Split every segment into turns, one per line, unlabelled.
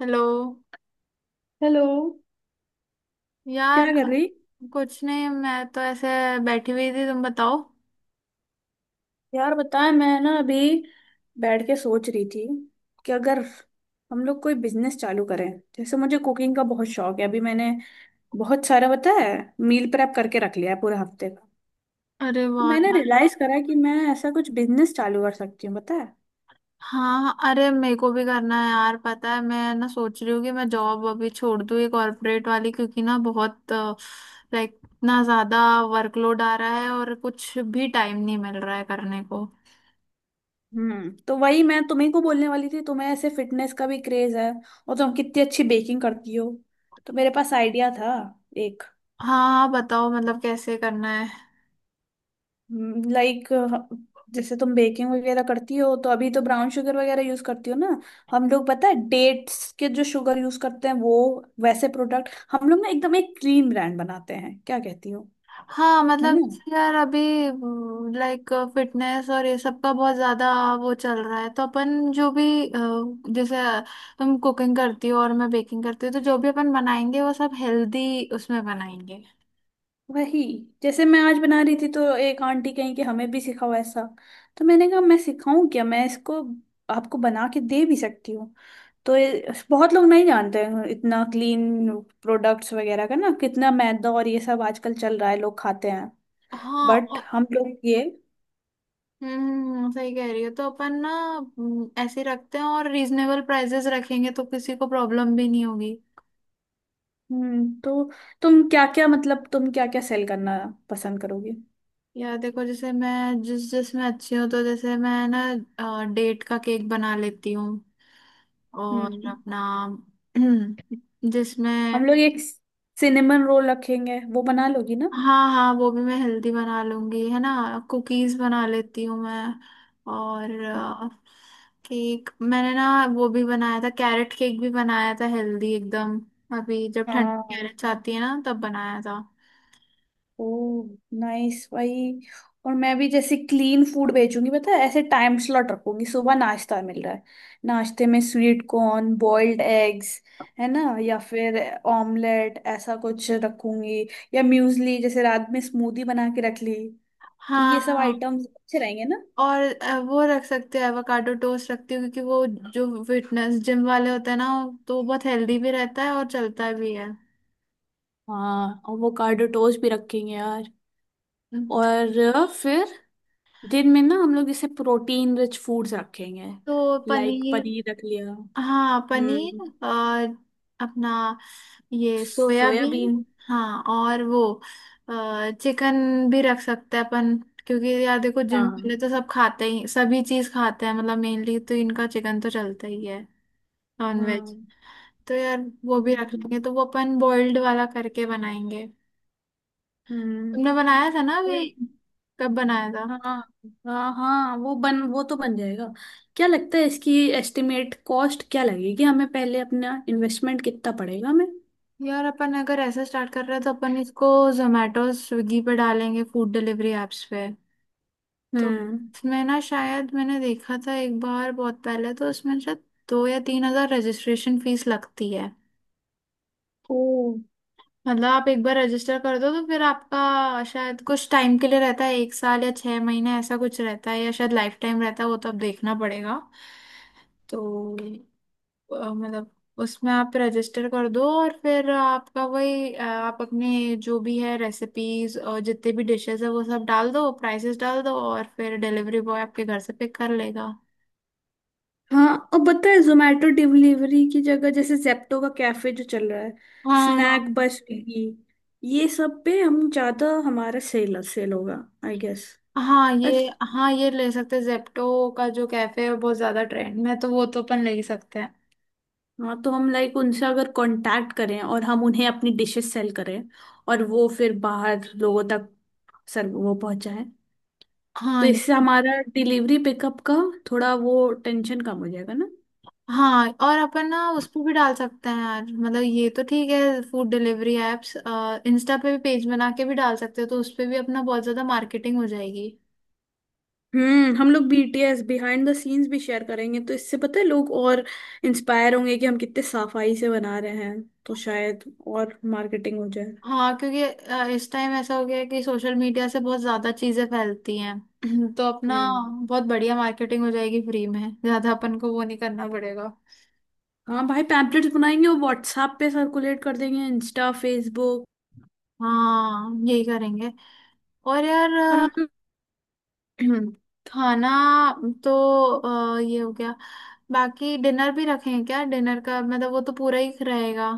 Hello
hello. क्या
यार।
कर रही।
कुछ नहीं, मैं तो ऐसे बैठी हुई थी, तुम बताओ।
यार बताएं मैं ना अभी बैठ के सोच रही थी कि अगर हम लोग कोई बिजनेस चालू करें। जैसे मुझे कुकिंग का बहुत शौक है, अभी मैंने बहुत सारा पता है, मील प्रेप करके रख लिया है पूरे हफ्ते का।
अरे
तो
वाह
मैंने
यार।
रियलाइज करा कि मैं ऐसा कुछ बिजनेस चालू कर सकती हूँ पता है।
हाँ, अरे मेरे को भी करना है यार। पता है मैं ना सोच रही हूँ कि मैं जॉब अभी छोड़ दूँ ये कॉर्पोरेट वाली, क्योंकि ना बहुत लाइक इतना ज्यादा वर्कलोड आ रहा है और कुछ भी टाइम नहीं मिल रहा है करने को।
तो वही मैं तुम्ही को बोलने वाली थी, तुम्हें ऐसे फिटनेस का भी क्रेज है और तुम कितनी अच्छी बेकिंग करती हो। तो मेरे पास आइडिया था एक।
हाँ हाँ, बताओ मतलब कैसे करना है।
लाइक जैसे तुम बेकिंग वगैरह करती हो, तो अभी तो ब्राउन शुगर वगैरह यूज करती हो ना। हम लोग पता है डेट्स के जो शुगर यूज करते हैं वो, वैसे प्रोडक्ट हम लोग ना एकदम एक क्लीन ब्रांड बनाते हैं, क्या कहती हो।
हाँ
है ना।
मतलब, यार अभी लाइक फिटनेस और ये सब का बहुत ज्यादा वो चल रहा है, तो अपन जो भी जैसे तुम कुकिंग करती हो और मैं बेकिंग करती हूँ तो जो भी अपन बनाएंगे वो सब हेल्दी उसमें बनाएंगे।
वही, जैसे मैं आज बना रही थी तो एक आंटी कहीं कि हमें भी सिखाओ ऐसा। तो मैंने कहा मैं सिखाऊं क्या, मैं इसको आपको बना के दे भी सकती हूँ। तो बहुत लोग नहीं जानते हैं इतना क्लीन प्रोडक्ट्स वगैरह का, ना कितना मैदा और ये सब आजकल चल रहा है, लोग खाते हैं।
हाँ
बट
और-
हम लोग ये।
हम्म, सही कह रही हो, तो अपन ना ऐसे ही रखते हैं और रीजनेबल प्राइसेस रखेंगे तो किसी को प्रॉब्लम भी नहीं होगी।
तो तुम क्या क्या, मतलब तुम क्या क्या सेल करना पसंद करोगे।
यार देखो, जैसे मैं जिस जिसमें अच्छी हूँ, तो जैसे मैं ना डेट का केक बना लेती हूँ और
हम्म
अपना
हम
जिसमें।
लोग एक सिनेमन रोल रखेंगे, वो बना लोगी ना।
हाँ हाँ, वो भी मैं हेल्दी बना लूंगी, है ना। कुकीज बना लेती हूँ मैं। और केक मैंने ना वो भी बनाया था, कैरेट केक भी बनाया था हेल्दी एकदम। अभी जब ठंडी
हाँ।
कैरेट्स आती है ना तब बनाया था।
ओ नाइस भाई। और मैं भी जैसे क्लीन फूड बेचूंगी, पता है, ऐसे टाइम स्लॉट रखूंगी, सुबह नाश्ता मिल रहा है। नाश्ते में स्वीट कॉर्न, बॉइल्ड एग्स, है ना, या फिर ऑमलेट, ऐसा कुछ रखूंगी। या म्यूजली, जैसे रात में स्मूदी बना के रख ली। तो ये सब
हाँ
आइटम्स अच्छे रहेंगे ना।
और वो रख सकते हैं, एवोकाडो टोस्ट रखती हूँ, क्योंकि वो जो फिटनेस जिम वाले होते हैं ना, तो वो बहुत हेल्दी भी रहता है और चलता भी है।
हाँ, आवोकाडो टोस्ट भी रखेंगे यार। और फिर दिन में ना हम लोग जैसे प्रोटीन रिच फूड्स रखेंगे।
तो
लाइक
पनीर।
पनीर रख लिया।
हाँ पनीर।
हम्म।
और अपना ये सोयाबीन।
सोयाबीन।
हाँ और वो चिकन भी रख सकते हैं अपन, क्योंकि यार देखो, जिम
हाँ
वाले तो सब खाते ही, सभी चीज खाते हैं, मतलब मेनली तो इनका चिकन तो चलता ही है। Non veg.
हाँ।
तो यार वो भी रख
हम्म,
लेंगे, तो वो अपन बॉइल्ड वाला करके बनाएंगे।
हम्म।
तुमने बनाया था ना अभी?
फिर-
कब बनाया था?
हाँ हाँ हाँ, वो तो बन जाएगा। क्या लगता है इसकी एस्टिमेट कॉस्ट क्या लगेगी हमें, पहले अपना इन्वेस्टमेंट कितना पड़ेगा हमें।
यार अपन अगर ऐसा स्टार्ट कर रहे हैं तो अपन इसको जोमेटो स्विगी पे डालेंगे, फूड डिलीवरी एप्स पे। तो
हम्म।
उसमें ना शायद मैंने देखा था एक बार बहुत पहले, तो उसमें शायद 2 या 3 हज़ार रजिस्ट्रेशन फीस लगती है।
ओ।
मतलब आप एक बार रजिस्टर कर दो तो फिर आपका शायद कुछ टाइम के लिए रहता है, 1 साल या 6 महीने ऐसा कुछ रहता है, या शायद लाइफ टाइम रहता है, वो तो अब देखना पड़ेगा। तो मतलब उसमें आप रजिस्टर कर दो, और फिर आपका वही आप अपने जो भी है रेसिपीज और जितने भी डिशेस है वो सब डाल दो, प्राइसेस डाल दो, और फिर डिलीवरी बॉय आपके घर से पिक कर लेगा।
हाँ, और पता है जोमेटो डिलीवरी की जगह जैसे जेप्टो का कैफे जो चल रहा है,
हाँ
स्नैक बाय स्विगी, ये सब पे हम ज्यादा हमारा सेल सेल होगा, आई गेस।
हाँ
अच्छा।
ये। हाँ, ये ले सकते हैं, जेप्टो का जो कैफे है बहुत ज्यादा ट्रेंड में है, तो वो तो अपन ले ही सकते हैं।
हाँ, तो हम लाइक उनसे अगर कांटेक्ट करें और हम उन्हें अपनी डिशेस सेल करें, और वो फिर बाहर लोगों तक सर वो पहुंचाएं।
हाँ
तो इससे
ये-
हमारा डिलीवरी पिकअप का थोड़ा वो टेंशन कम हो जाएगा ना।
हाँ, और अपन ना उस पर भी डाल सकते हैं यार, मतलब ये तो ठीक है फूड डिलीवरी एप्स। इंस्टा पे भी पेज बना के भी डाल सकते हैं, तो उस पे भी अपना बहुत ज्यादा मार्केटिंग हो जाएगी।
हम लोग BTS बिहाइंड द सीन्स भी शेयर करेंगे, तो इससे पता है लोग और इंस्पायर होंगे कि हम कितने साफाई से बना रहे हैं, तो शायद और मार्केटिंग हो जाए।
हाँ, क्योंकि इस टाइम ऐसा हो गया है कि सोशल मीडिया से बहुत ज्यादा चीजें फैलती हैं। तो अपना
हम्म।
बहुत बढ़िया मार्केटिंग हो जाएगी फ्री में, ज्यादा अपन को वो नहीं करना पड़ेगा।
हाँ भाई, पैम्पलेट्स बनाएंगे और व्हाट्सएप पे सर्कुलेट कर देंगे, इंस्टा, फेसबुक।
हाँ, यही करेंगे। और यार
और हम।
खाना तो ये हो गया। बाकी डिनर भी रखें क्या? डिनर का मतलब वो तो पूरा ही रहेगा।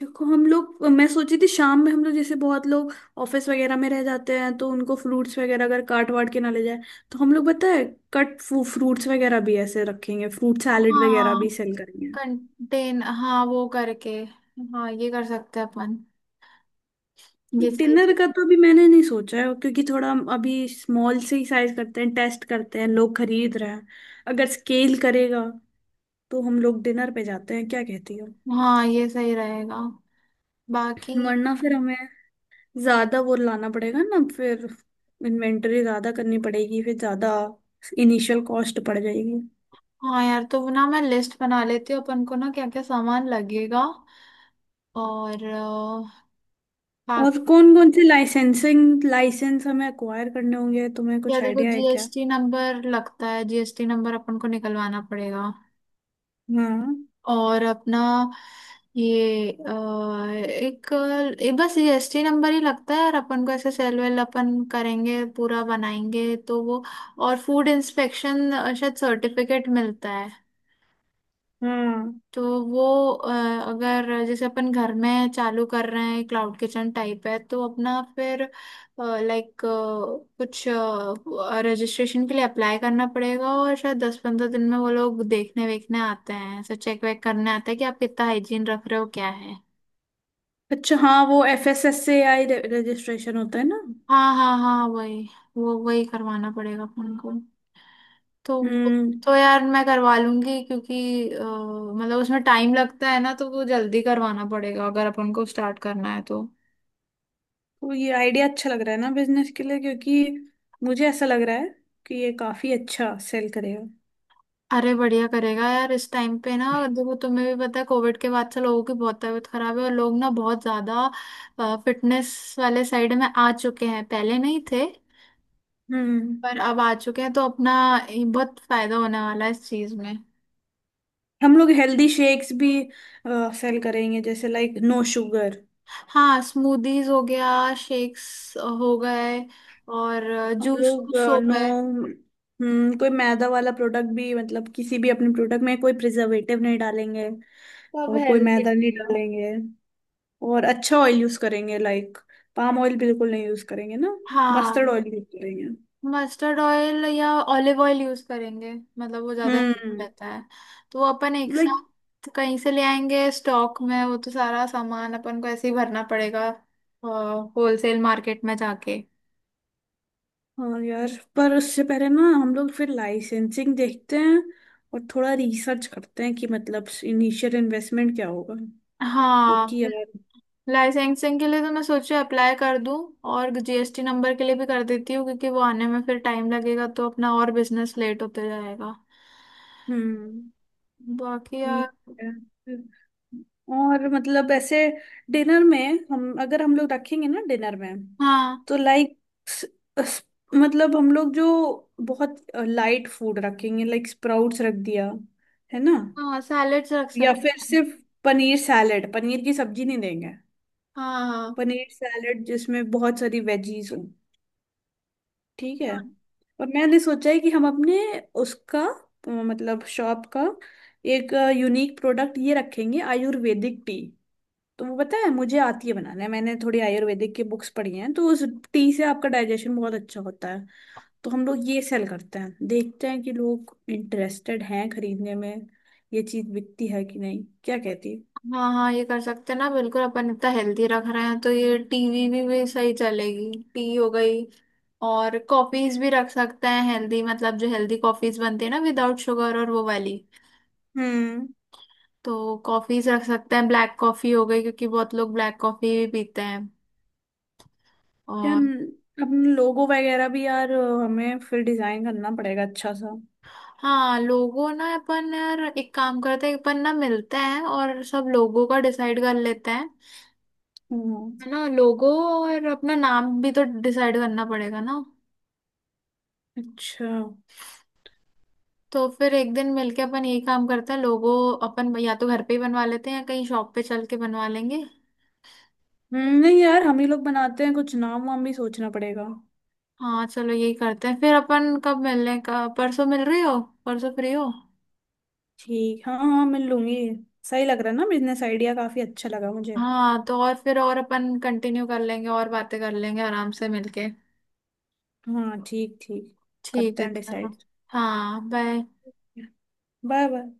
देखो हम लोग, मैं सोची थी शाम में हम लोग जैसे बहुत लोग ऑफिस वगैरह में रह जाते हैं, तो उनको फ्रूट्स वगैरह अगर काट वाट के ना ले जाए, तो हम लोग पता है कट फ्रूट्स वगैरह भी ऐसे रखेंगे, फ्रूट सैलेड वगैरह
हाँ,
भी सेल करेंगे।
कंटेन, हाँ वो करके। हाँ, ये कर सकते हैं अपन। ये सही
डिनर
चीज-
का तो अभी मैंने नहीं सोचा है, क्योंकि थोड़ा हम अभी स्मॉल से ही साइज करते हैं, टेस्ट करते हैं लोग खरीद रहे हैं। अगर स्केल करेगा तो हम लोग डिनर पे जाते हैं, क्या कहती हो।
हाँ ये सही रहेगा। बाकी
वरना फिर हमें ज्यादा वो लाना पड़ेगा ना, फिर इन्वेंटरी ज्यादा करनी पड़ेगी, फिर ज्यादा इनिशियल कॉस्ट पड़ जाएगी।
हाँ यार, तो वो ना मैं लिस्ट बना लेती हूँ अपन को ना, क्या क्या सामान लगेगा। और बाकी
और कौन कौन से लाइसेंसिंग, लाइसेंस हमें अक्वायर करने होंगे, तुम्हें
यार
कुछ
देखो,
आइडिया है क्या।
जीएसटी नंबर लगता है, जीएसटी नंबर अपन को निकलवाना पड़ेगा।
हाँ
और अपना ये एक, एक बस जीएसटी नंबर ही लगता है, और अपन को ऐसे सेल वेल अपन करेंगे पूरा बनाएंगे तो वो। और फूड इंस्पेक्शन शायद सर्टिफिकेट मिलता है,
हाँ।
तो वो अ, अगर जैसे अपन घर में चालू कर रहे हैं, क्लाउड किचन टाइप है, तो अपना फिर लाइक कुछ रजिस्ट्रेशन के लिए अप्लाई करना पड़ेगा, और शायद 10-15 दिन में वो लोग देखने वेखने आते हैं, ऐसा चेक वेक करने आता है कि आप कितना हाइजीन रख रहे हो क्या है।
अच्छा, हाँ वो FSSAI रजिस्ट्रेशन होता है ना।
हाँ हाँ हाँ, वही। वो वही करवाना पड़ेगा अपन को। तो
हम्म।
यार मैं करवा लूंगी, क्योंकि मतलब उसमें टाइम लगता है ना, तो वो जल्दी करवाना पड़ेगा अगर अपन को स्टार्ट करना है तो।
तो ये आइडिया अच्छा लग रहा है ना बिजनेस के लिए, क्योंकि मुझे ऐसा लग रहा है कि ये काफी अच्छा सेल करेगा।
अरे बढ़िया करेगा यार, इस टाइम पे ना। और देखो तुम्हें भी पता है, कोविड के बाद से लोगों की बहुत तबीयत खराब है, और लोग ना बहुत ज्यादा फिटनेस वाले साइड में आ चुके हैं, पहले नहीं थे।
हम्म।
पर अब आ चुके हैं, तो अपना ये बहुत फायदा होने वाला है इस चीज में।
हम लोग हेल्दी शेक्स भी सेल करेंगे, जैसे लाइक नो शुगर।
हाँ, स्मूदीज हो गया, शेक्स हो गए, और
हम
जूस
लोग
वूस हो
नो।
गए।
कोई मैदा वाला प्रोडक्ट भी, मतलब किसी भी अपने प्रोडक्ट में कोई प्रिजर्वेटिव नहीं डालेंगे,
सब
और कोई
हेल्दी
मैदा नहीं
रहेगा।
डालेंगे। और अच्छा ऑयल यूज करेंगे, लाइक पाम ऑयल बिल्कुल नहीं यूज करेंगे ना, मस्टर्ड
हाँ,
ऑयल यूज करेंगे।
मस्टर्ड ऑयल या ऑलिव ऑयल यूज करेंगे, मतलब वो ज्यादा हेल्प
हम्म।
रहता है। तो वो अपन एक
लाइक।
साथ कहीं से ले आएंगे स्टॉक में, वो तो सारा सामान अपन को ऐसे ही भरना पड़ेगा, होलसेल मार्केट में जाके।
हाँ यार, पर उससे पहले ना हम लोग फिर लाइसेंसिंग देखते हैं, और थोड़ा रिसर्च करते हैं कि मतलब इनिशियल इन्वेस्टमेंट क्या होगा,
हाँ,
क्योंकि यार।
लाइसेंसिंग के लिए तो मैं सोचा अप्लाई कर दूं, और जीएसटी नंबर के लिए भी कर देती हूँ, क्योंकि वो आने में फिर टाइम लगेगा, तो अपना और बिजनेस लेट होते जाएगा।
हम्म।
बाकी यार।
ठीक है। और मतलब ऐसे डिनर में, हम अगर हम लोग रखेंगे ना डिनर में,
हाँ
तो लाइक मतलब हम लोग जो बहुत लाइट फूड रखेंगे, लाइक स्प्राउट्स रख दिया, है ना।
हाँ, सैलेड्स रख
या फिर
सकते हैं।
सिर्फ पनीर सैलेड, पनीर की सब्जी नहीं देंगे,
हाँ हाँ
पनीर सैलेड जिसमें बहुत सारी वेजीज हो। ठीक है। और मैंने सोचा है कि हम अपने उसका मतलब शॉप का एक यूनिक प्रोडक्ट ये रखेंगे, आयुर्वेदिक टी। तो वो पता है मुझे आती है बनाना, मैंने थोड़ी आयुर्वेदिक की बुक्स पढ़ी हैं, तो उस टी से आपका डाइजेशन बहुत अच्छा होता है। तो हम लोग ये सेल करते हैं, देखते हैं कि लोग इंटरेस्टेड हैं खरीदने में, ये चीज बिकती है कि नहीं, क्या कहती है।
हाँ। हाँ, ये कर सकते हैं ना बिल्कुल, अपन इतना हेल्दी रख रहे हैं, तो ये टीवी भी सही चलेगी, टी हो गई। और कॉफीज भी रख सकते हैं हेल्दी, मतलब जो हेल्दी कॉफीज बनती है ना विदाउट शुगर, और वो वाली।
हम्म।
तो कॉफीज रख सकते हैं, ब्लैक कॉफी हो गई, क्योंकि बहुत लोग ब्लैक कॉफी भी पीते हैं।
क्या
और
अपने लोगो वगैरह भी यार, हमें फिर डिजाइन करना पड़ेगा अच्छा सा।
हाँ, लोगों ना अपन यार एक काम करते हैं, अपन ना मिलते हैं और सब लोगों का डिसाइड कर लेते हैं।
हम्म।
है ना, लोगों। और अपना नाम भी तो डिसाइड करना पड़ेगा ना।
अच्छा।
तो फिर एक दिन मिलके अपन ये काम करते हैं लोगों। अपन या तो घर पे ही बनवा लेते हैं या कहीं शॉप पे चल के बनवा लेंगे।
नहीं यार, हम ही लोग बनाते हैं, कुछ नाम वाम भी सोचना पड़ेगा।
हाँ चलो, यही करते हैं। फिर अपन कब मिलने का? परसों मिल रही हो? परसों फ्री हो?
ठीक। हाँ हाँ हाँ, मिल लूंगी। सही लग रहा है ना, बिजनेस आइडिया काफी अच्छा लगा मुझे।
हाँ, तो और फिर और अपन कंटिन्यू कर लेंगे और बातें कर लेंगे आराम से मिलके।
हाँ, ठीक ठीक।
ठीक
करते
है,
हैं
चलो।
डिसाइड।
हाँ, बाय।
Bye bye.